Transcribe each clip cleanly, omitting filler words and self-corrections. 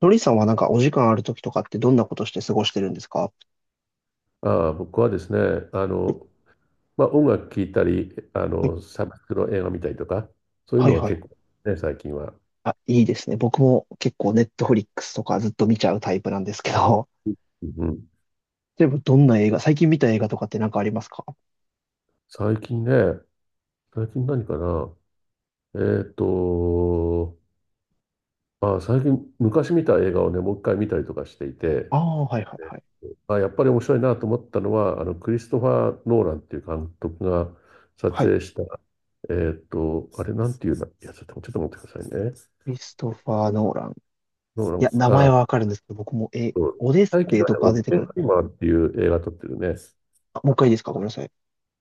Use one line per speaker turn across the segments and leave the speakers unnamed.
のりさんはなんかお時間ある時とかってどんなことして過ごしてるんですか？
ああ、僕はですね、まあ、音楽聴いたり、
はい
サブスクの映画見たりとか、そういう
はい
のは
はい。
結構ね、最近は。
あ、いいですね。僕も結構ネットフリックスとかずっと見ちゃうタイプなんですけど、
うん、
例えばどんな映画、最近見た映画とかってなんかありますか？
最近ね、最近何かな。えーっと、あ、最近昔見た映画をね、もう一回見たりとかしていて、
ああー、はいはいはい。
あ、やっぱり面白いなと思ったのは、あのクリストファー・ノーランっていう監督が撮
はい。
影した、あれなんていうんだ、いや、ちょっと待ってくださいね。
クリストファー・ノーラン。
ノーラ
いや、名
ン、
前
あ、
はわかるんですけど、僕も、
うん、
オデッ
最
セ
近
イ
は
と
ね、オ
か
ッ
出て
ペン
くる。
ハイマーっていう映画撮ってるね。
あ、もう一回いいですかごめんなさい。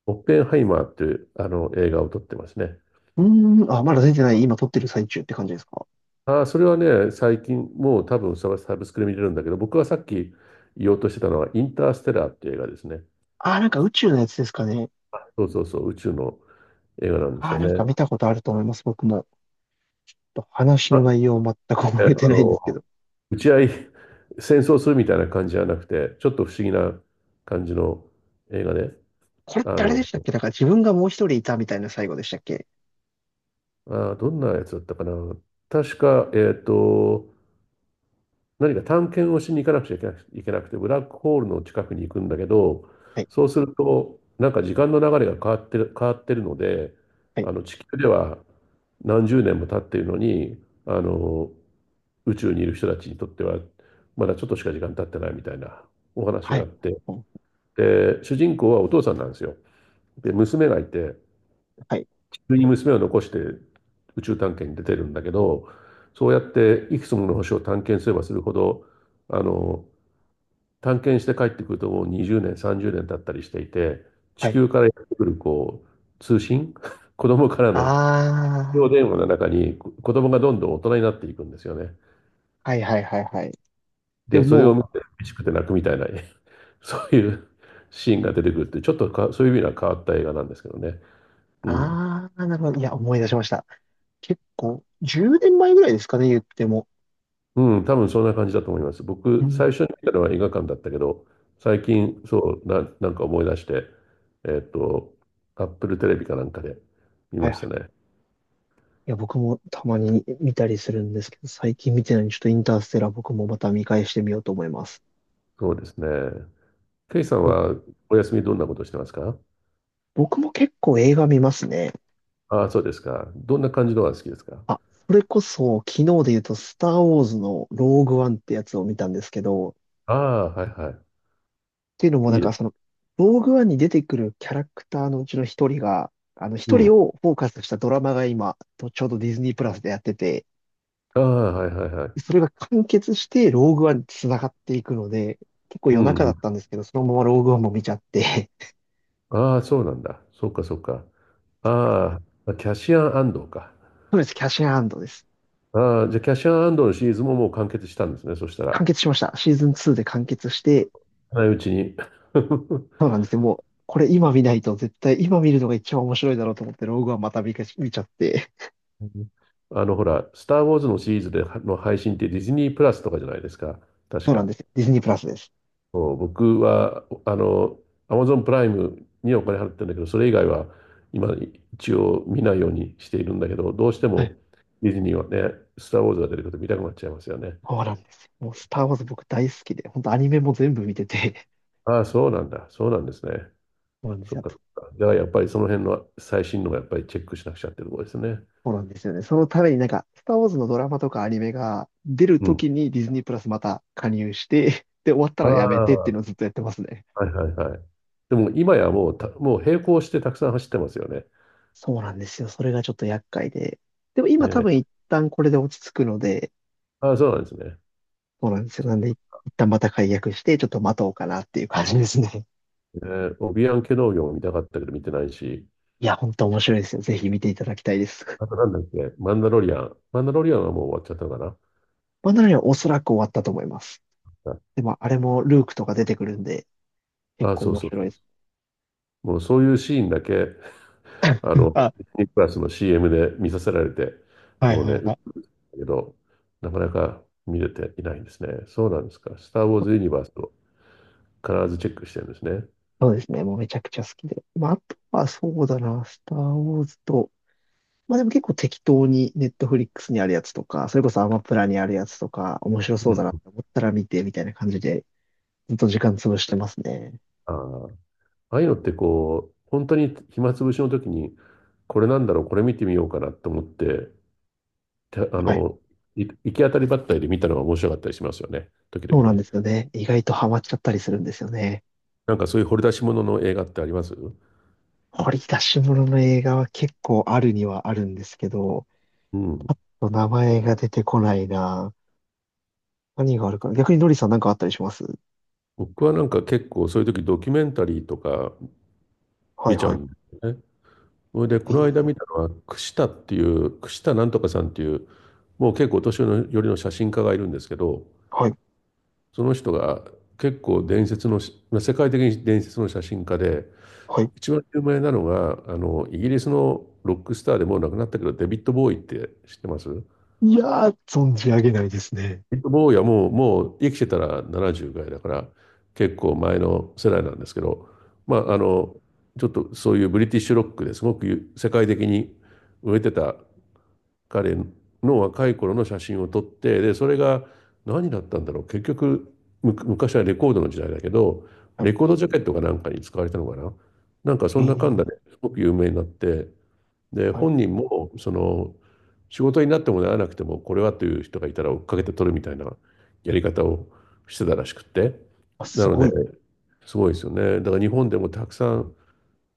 オッペンハイマーっていうあの映画を撮ってますね。
うーん、あ、まだ出てない。今撮ってる最中って感じですか？
ああ、それはね、最近、もう多分サブスクで見れるんだけど、僕はさっき言おうとしてたのは、インターステラーっていう映画ですね。
あー、なんか宇宙のやつですかね。
そうそうそう、宇宙の映画なんです
あー、
よ
なんか
ね。
見たことあると思います、僕も。話の
あ、
内容全く
え、
覚えてないんですけど。
打ち合い、戦争するみたいな感じじゃなくて、ちょっと不思議な感じの映画で、
これっ
あ
てあれ
の、
でしたっけ、だから自分がもう一人いたみたいな最後でしたっけ？
あー、どんなやつだったかな。確か、何か探検をしに行かなくちゃいけなくて、ブラックホールの近くに行くんだけど、
はい、
そうすると、なんか時間の流れが変わってるので、
はい、
あの地球では何十年も経っているのに、あの宇宙にいる人たちにとっては、まだちょっとしか時間経ってないみたいなお話
は
があっ
い、
て、で、主人公はお父さんなんですよ。で、娘がいて、
はい、
地球に娘を残して宇宙探検に出てるんだけど、そうやっていくつもの星を探検すればするほど、あの探検して帰ってくるともう20年、30年経ったりしていて、地
はい。
球からやってくるこう通信、子供から
あ
の非常電話の中に子供がどんどん大人になっていくんですよね。
あ、はい、はい、はい、はい。で
で、
も
それ
も
を
う、
見て嬉しくて泣くみたいな、そういうシーンが出てくるって、ちょっとかそういう意味では変わった映画なんですけどね。うん。
ああ、なるほど。いや、思い出しました。結構、10年前ぐらいですかね、言っても。
うん、多分そんな感じだと思います。
う
僕、
ん。
最初に見たのは映画館だったけど、最近、そう、なんか思い出して、えっと、アップルテレビかなんかで見
はい、
まし
は
た
い。
ね。
いや、僕もたまに見たりするんですけど、最近見てないのに、ちょっとインターステラー僕もまた見返してみようと思います。
そうですね。ケイさん
ぼ
はお休みどんなことしてますか？
僕も結構映画見ますね。
ああ、そうですか。どんな感じのが好きですか？
あ、それこそ、昨日で言うと、スター・ウォーズのローグワンってやつを見たんですけど、
ああ、はいは
ていうのも、
い。
な
い
ん
いで
かそ
す。
の、ローグワンに出てくるキャラクターのうちの一人が、あの、
う
一人
ん。
をフォーカスしたドラマが今、とちょうどディズニープラスでやってて、
ああ、はいはいはい。
それが完結してローグワンに繋がっていくので、結構
う
夜
ん
中
う
だっ
ん。
たんですけど、そのままローグワンも見ちゃって、
ああ、そうなんだ。そっかそっか。ああ、キャシアン安藤か。
そうです、キャッシュアンドです。
ああ、じゃあキャシアン安藤のシリーズももう完結したんですね。そしたら。
完結しました。シーズン2で完結して、
ないうちに。
そうなんですよ。もう、これ今見ないと絶対今見るのが一番面白いだろうと思って、ローグワンまた見ちゃって、
あの、ほら、スター・ウォーズのシリーズでの配信ってディズニープラスとかじゃないですか。確
そうなん
か。
ですよ。ディズニープラスです。
僕は、あの、アマゾンプライムにお金払ってるんだけど、それ以外は今一応見ないようにしているんだけど、どうして
はい、
もディズニーはね、スター・ウォーズが出てくると見たくなっちゃいますよね。
そうなんですよ。もうスター・ウォーズ僕大好きで、本当アニメも全部見てて、
ああ、そうなんだ。そうなんですね。
そうなんです
そっ
よ。あ
かそ
と、
っか。じゃあやっぱりその辺の最新のがやっぱりチェックしなくちゃっていうところですね。
そうなんですよね。そのためになんか、スター・ウォーズのドラマとかアニメが出る
う
と
ん。
きにディズニープラスまた加入して、で、終わった
あ
らやめ
あ、
てっていうの
は
をずっとやってますね。
いはいはい。でも今やもうもう並行してたくさん走ってますよね。
そうなんですよ。それがちょっと厄介で。でも今多
ね。
分一旦これで落ち着くので、
ああ、そうなんですね。
そうなんですよ。
そ
なんで一旦また解約して、ちょっと待とうかなっていう感じですね。
うね、オビアンケ農業も見たかったけど見てないし、
いや、本当面白いですよ。ぜひ見ていただきたいです。
あとなんだっけ、マンダロリアン。マンダロリアンはもう終わっちゃったのか
まあ、なのにおそらく終わったと思います。でも、あれもルークとか出てくるんで、
な。あ、
結構
そう
面
そう
白
そ
いで
うそ
す。
う。もうそういうシーンだけ、あ
うん、
の、
あ、
ディズニープラスの CM で見させられて、
はい
もう
は
ね、
い
うん、だ
はい。
けど、なかなか見れていないんですね。そうなんですか。スター・ウォーズ・ユニバースを必ずチェックしてるんですね。
そうですね。もうめちゃくちゃ好きで。まあ、あとはそうだな、スター・ウォーズと、まあでも結構適当にネットフリックスにあるやつとか、それこそアマプラにあるやつとか、面白
う
そうだなって
ん。
思ったら見てみたいな感じで、ずっと時間潰してますね。
ああ、ああいうのってこう、本当に暇つぶしの時に、これなんだろう、これ見てみようかなと思って、あ
はい。
の、行き当たりばったりで見たのが面白かったりしますよね。時
そ
々
うなん
ね。
ですよね。意外とハマっちゃったりするんですよね。
なんかそういう掘り出し物の映画ってありますう？
掘り出し物の映画は結構あるにはあるんですけど、
ん。
名前が出てこないな。何があるかな。逆にノリさんなんかあったりします？
僕はなんか結構そういう時ドキュメンタリーとか
はい
見ちゃ
は
う
い。
んですよね。それで
え
この間見
ー
たのは串田っていう串田なんとかさんっていうもう結構お年寄りの写真家がいるんですけど、
はい、
その人が結構伝説のし世界的に伝説の写真家で、
はい。
一番有名なのがあのイギリスのロックスターでもう亡くなったけどデビッド・ボーイって知ってます？
いやー、存じ上げないですね。
坊やもう、もう生きてたら70ぐらいだから、結構前の世代なんですけど、まあ、あの、ちょっとそういうブリティッシュロックですごく世界的に売れてた彼の若い頃の写真を撮って、で、それが何だったんだろう。結局、昔はレコードの時代だけど、
は
レ
い。
コードジャケットかなんかに使われたのかな。なんか
え
そんなかんだ
ー、
ですごく有名になって、で、
はい。
本人も、その、仕事になってもならなくても、これはという人がいたら追っかけて取るみたいなやり方をしてたらしくって。
あ、
な
す
の
ご
で、
い。
すごいですよね。だから日本でもたくさん、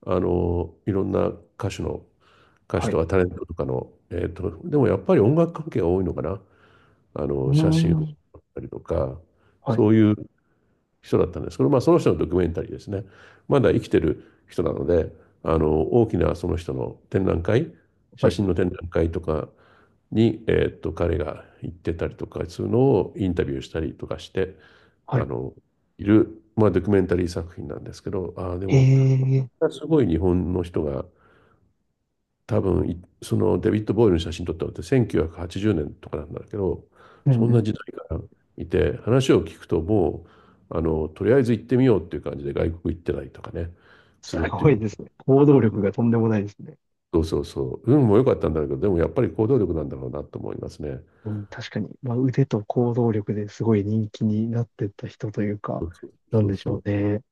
あの、いろんな歌手の、歌手
は
と
い。
かタレントとかの、でもやっぱり音楽関係が多いのかな。あ
う
の、
ー
写真を
ん。
撮ったりとか、
はい。
そういう人だったんですけど、まあ、その人のドキュメンタリーですね。まだ生きてる人なので、あの大きなその人の展覧会、
は
写
い。
真の展覧会とかに、彼が行ってたりとかするのをインタビューしたりとかして、
は
あ
い。
のいる、まあ、ドキュメンタリー作品なんですけど、ああで
え
も
ー、
すごい日本の人が多分い、そのデビッド・ボーイの写真撮ったのって1980年とかなんだけど、
う
そ
ん
ん
う
な
ん。
時代からいて話を聞くと、うあのとりあえず行ってみようっていう感じで外国行ってないとかね、す
す
るってい
ご
うの
い
が、
ですね。行動力がとんでもないですね。
そうそうそう、運も良かったんだけど、でもやっぱり行動力なんだろうなと思いますね。
うん、確かに。まあ、腕と行動力ですごい人気になってった人というか、
そうそう
なん
そう
でし
そ
ょ
う
うね。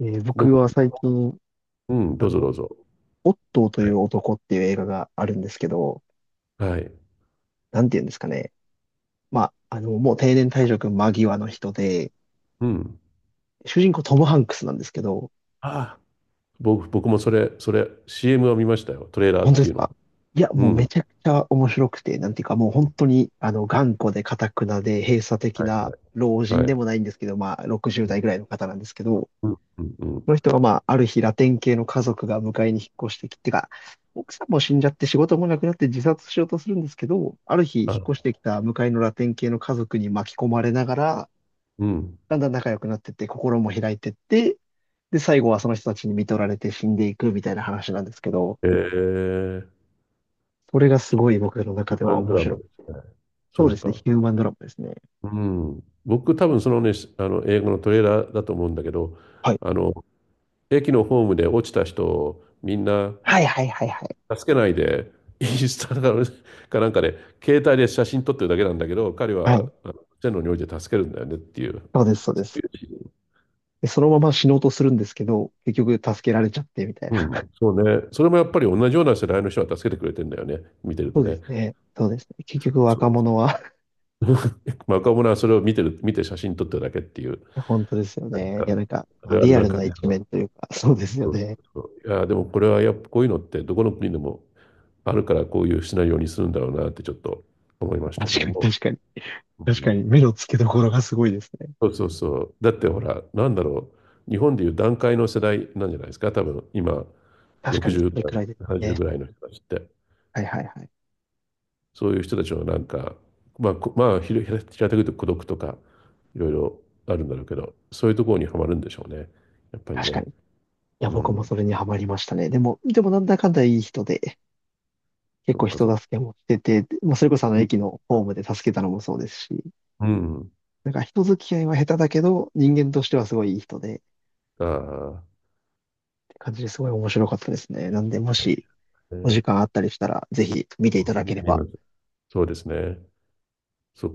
でも、
僕は最近、
うん、
あ
どうぞ
の、
どうぞ。
オットーと
は
い
い
う男っていう映画があるんですけど、
はい、
なんて言うんですかね。まあ、あの、もう定年退職間際の人で、
うん、
主人公トム・ハンクスなんですけど、
ああ、僕もそれ、それ CM を見ましたよ、トレーラ
本
ー
当
っ
で
てい
す
うの、
か？いや、
う
もうめ
ん、
ちゃくちゃ面白くて、なんていうかもう本当に、あの、頑固で頑くなで閉鎖的
は
な老
い
人
はい、
でもないんですけど、まあ、60
う
代ぐらいの方なんですけど、
んうんうん、
その人がまあ、ある日ラテン系の家族が迎えに引っ越してきてか、奥さんも死んじゃって仕事もなくなって自殺しようとするんですけど、ある日引っ越
あ、
してきた向かいのラテン系の家族に巻き込まれながら、
うん、
だんだん仲良くなってって、心も開いてって、で、最後はその人たちに見取られて死んでいくみたいな話なんですけど、
えー、
それがすごい僕の中
ヒュー
で
マ
は
ンド
面
ラマ
白
で
く、
すね。
そ
そ
うで
う
すね、
か。
ヒューマンドラマですね。
うん。僕、多分そのね、あの英語のトレーラーだと思うんだけど、
はい。
あの、駅のホームで落ちた人をみんな
はいはいはいはい。
助けないで、インスタかなんかで、携帯で写真撮ってるだけなんだけど、彼
は
は
い。
あの線路において助けるんだよねっていう、
そうです、そうで
そうい
す。
うシーン、
で、そのまま死のうとするんですけど、結局助けられちゃってみたい
う
な。
ん、そうね。それもやっぱり同じような世代の人は助けてくれてんだよね、見てる
そ
と
うで
ね。
すね。そうですね。結局
そ
若
う。
者は、 い
まあ、若者はそれを見てる、見て写真撮ってるだけっていう。
や本当ですよ
なん
ね。い
か、
や、なんか、
あ
まあ、
るあ
リ
る
ア
な
ル
感
な
じ
一
の。
面というか、そうですよ
そう
ね。
そうそう、いや、でもこれはやっぱこういうのってどこの国でもあるからこういうシナリオにするんだろうなってちょっと思いましたけ
確か
ども。
に、確かに。
う
確か
ん、
に、目の付けどころがすごいですね。
そうそうそう。だってほら、なんだろう。日本でいう団塊の世代なんじゃないですか。多分今、
確かに、そ
60
れ
代、
くらいです
70
ね。
ぐらいの人たちって。
はいはいはい。
そういう人たちのなんか、まあ、まあ、平たく言うと孤独とか、いろいろあるんだろうけど、そういうところにはまるんでしょうね。やっぱり
確か
ね。
に。いや、
う
僕も
ん。
それにはまりましたね。でもなんだかんだいい人で、結
そ
構
っかそっ
人
か。
助けもしてて、まあ、それこそあの駅のホームで助けたのもそうですし、
うん。うん、
なんか人付き合いは下手だけど、人間としてはすごいいい人で、っ
ああ、は
て感じですごい面白かったですね。なんで、も
い、
し
え
お時
ー、
間あったりしたら、ぜひ見ていただ
見
けれ
てみ
ば
ます。そうですね。そ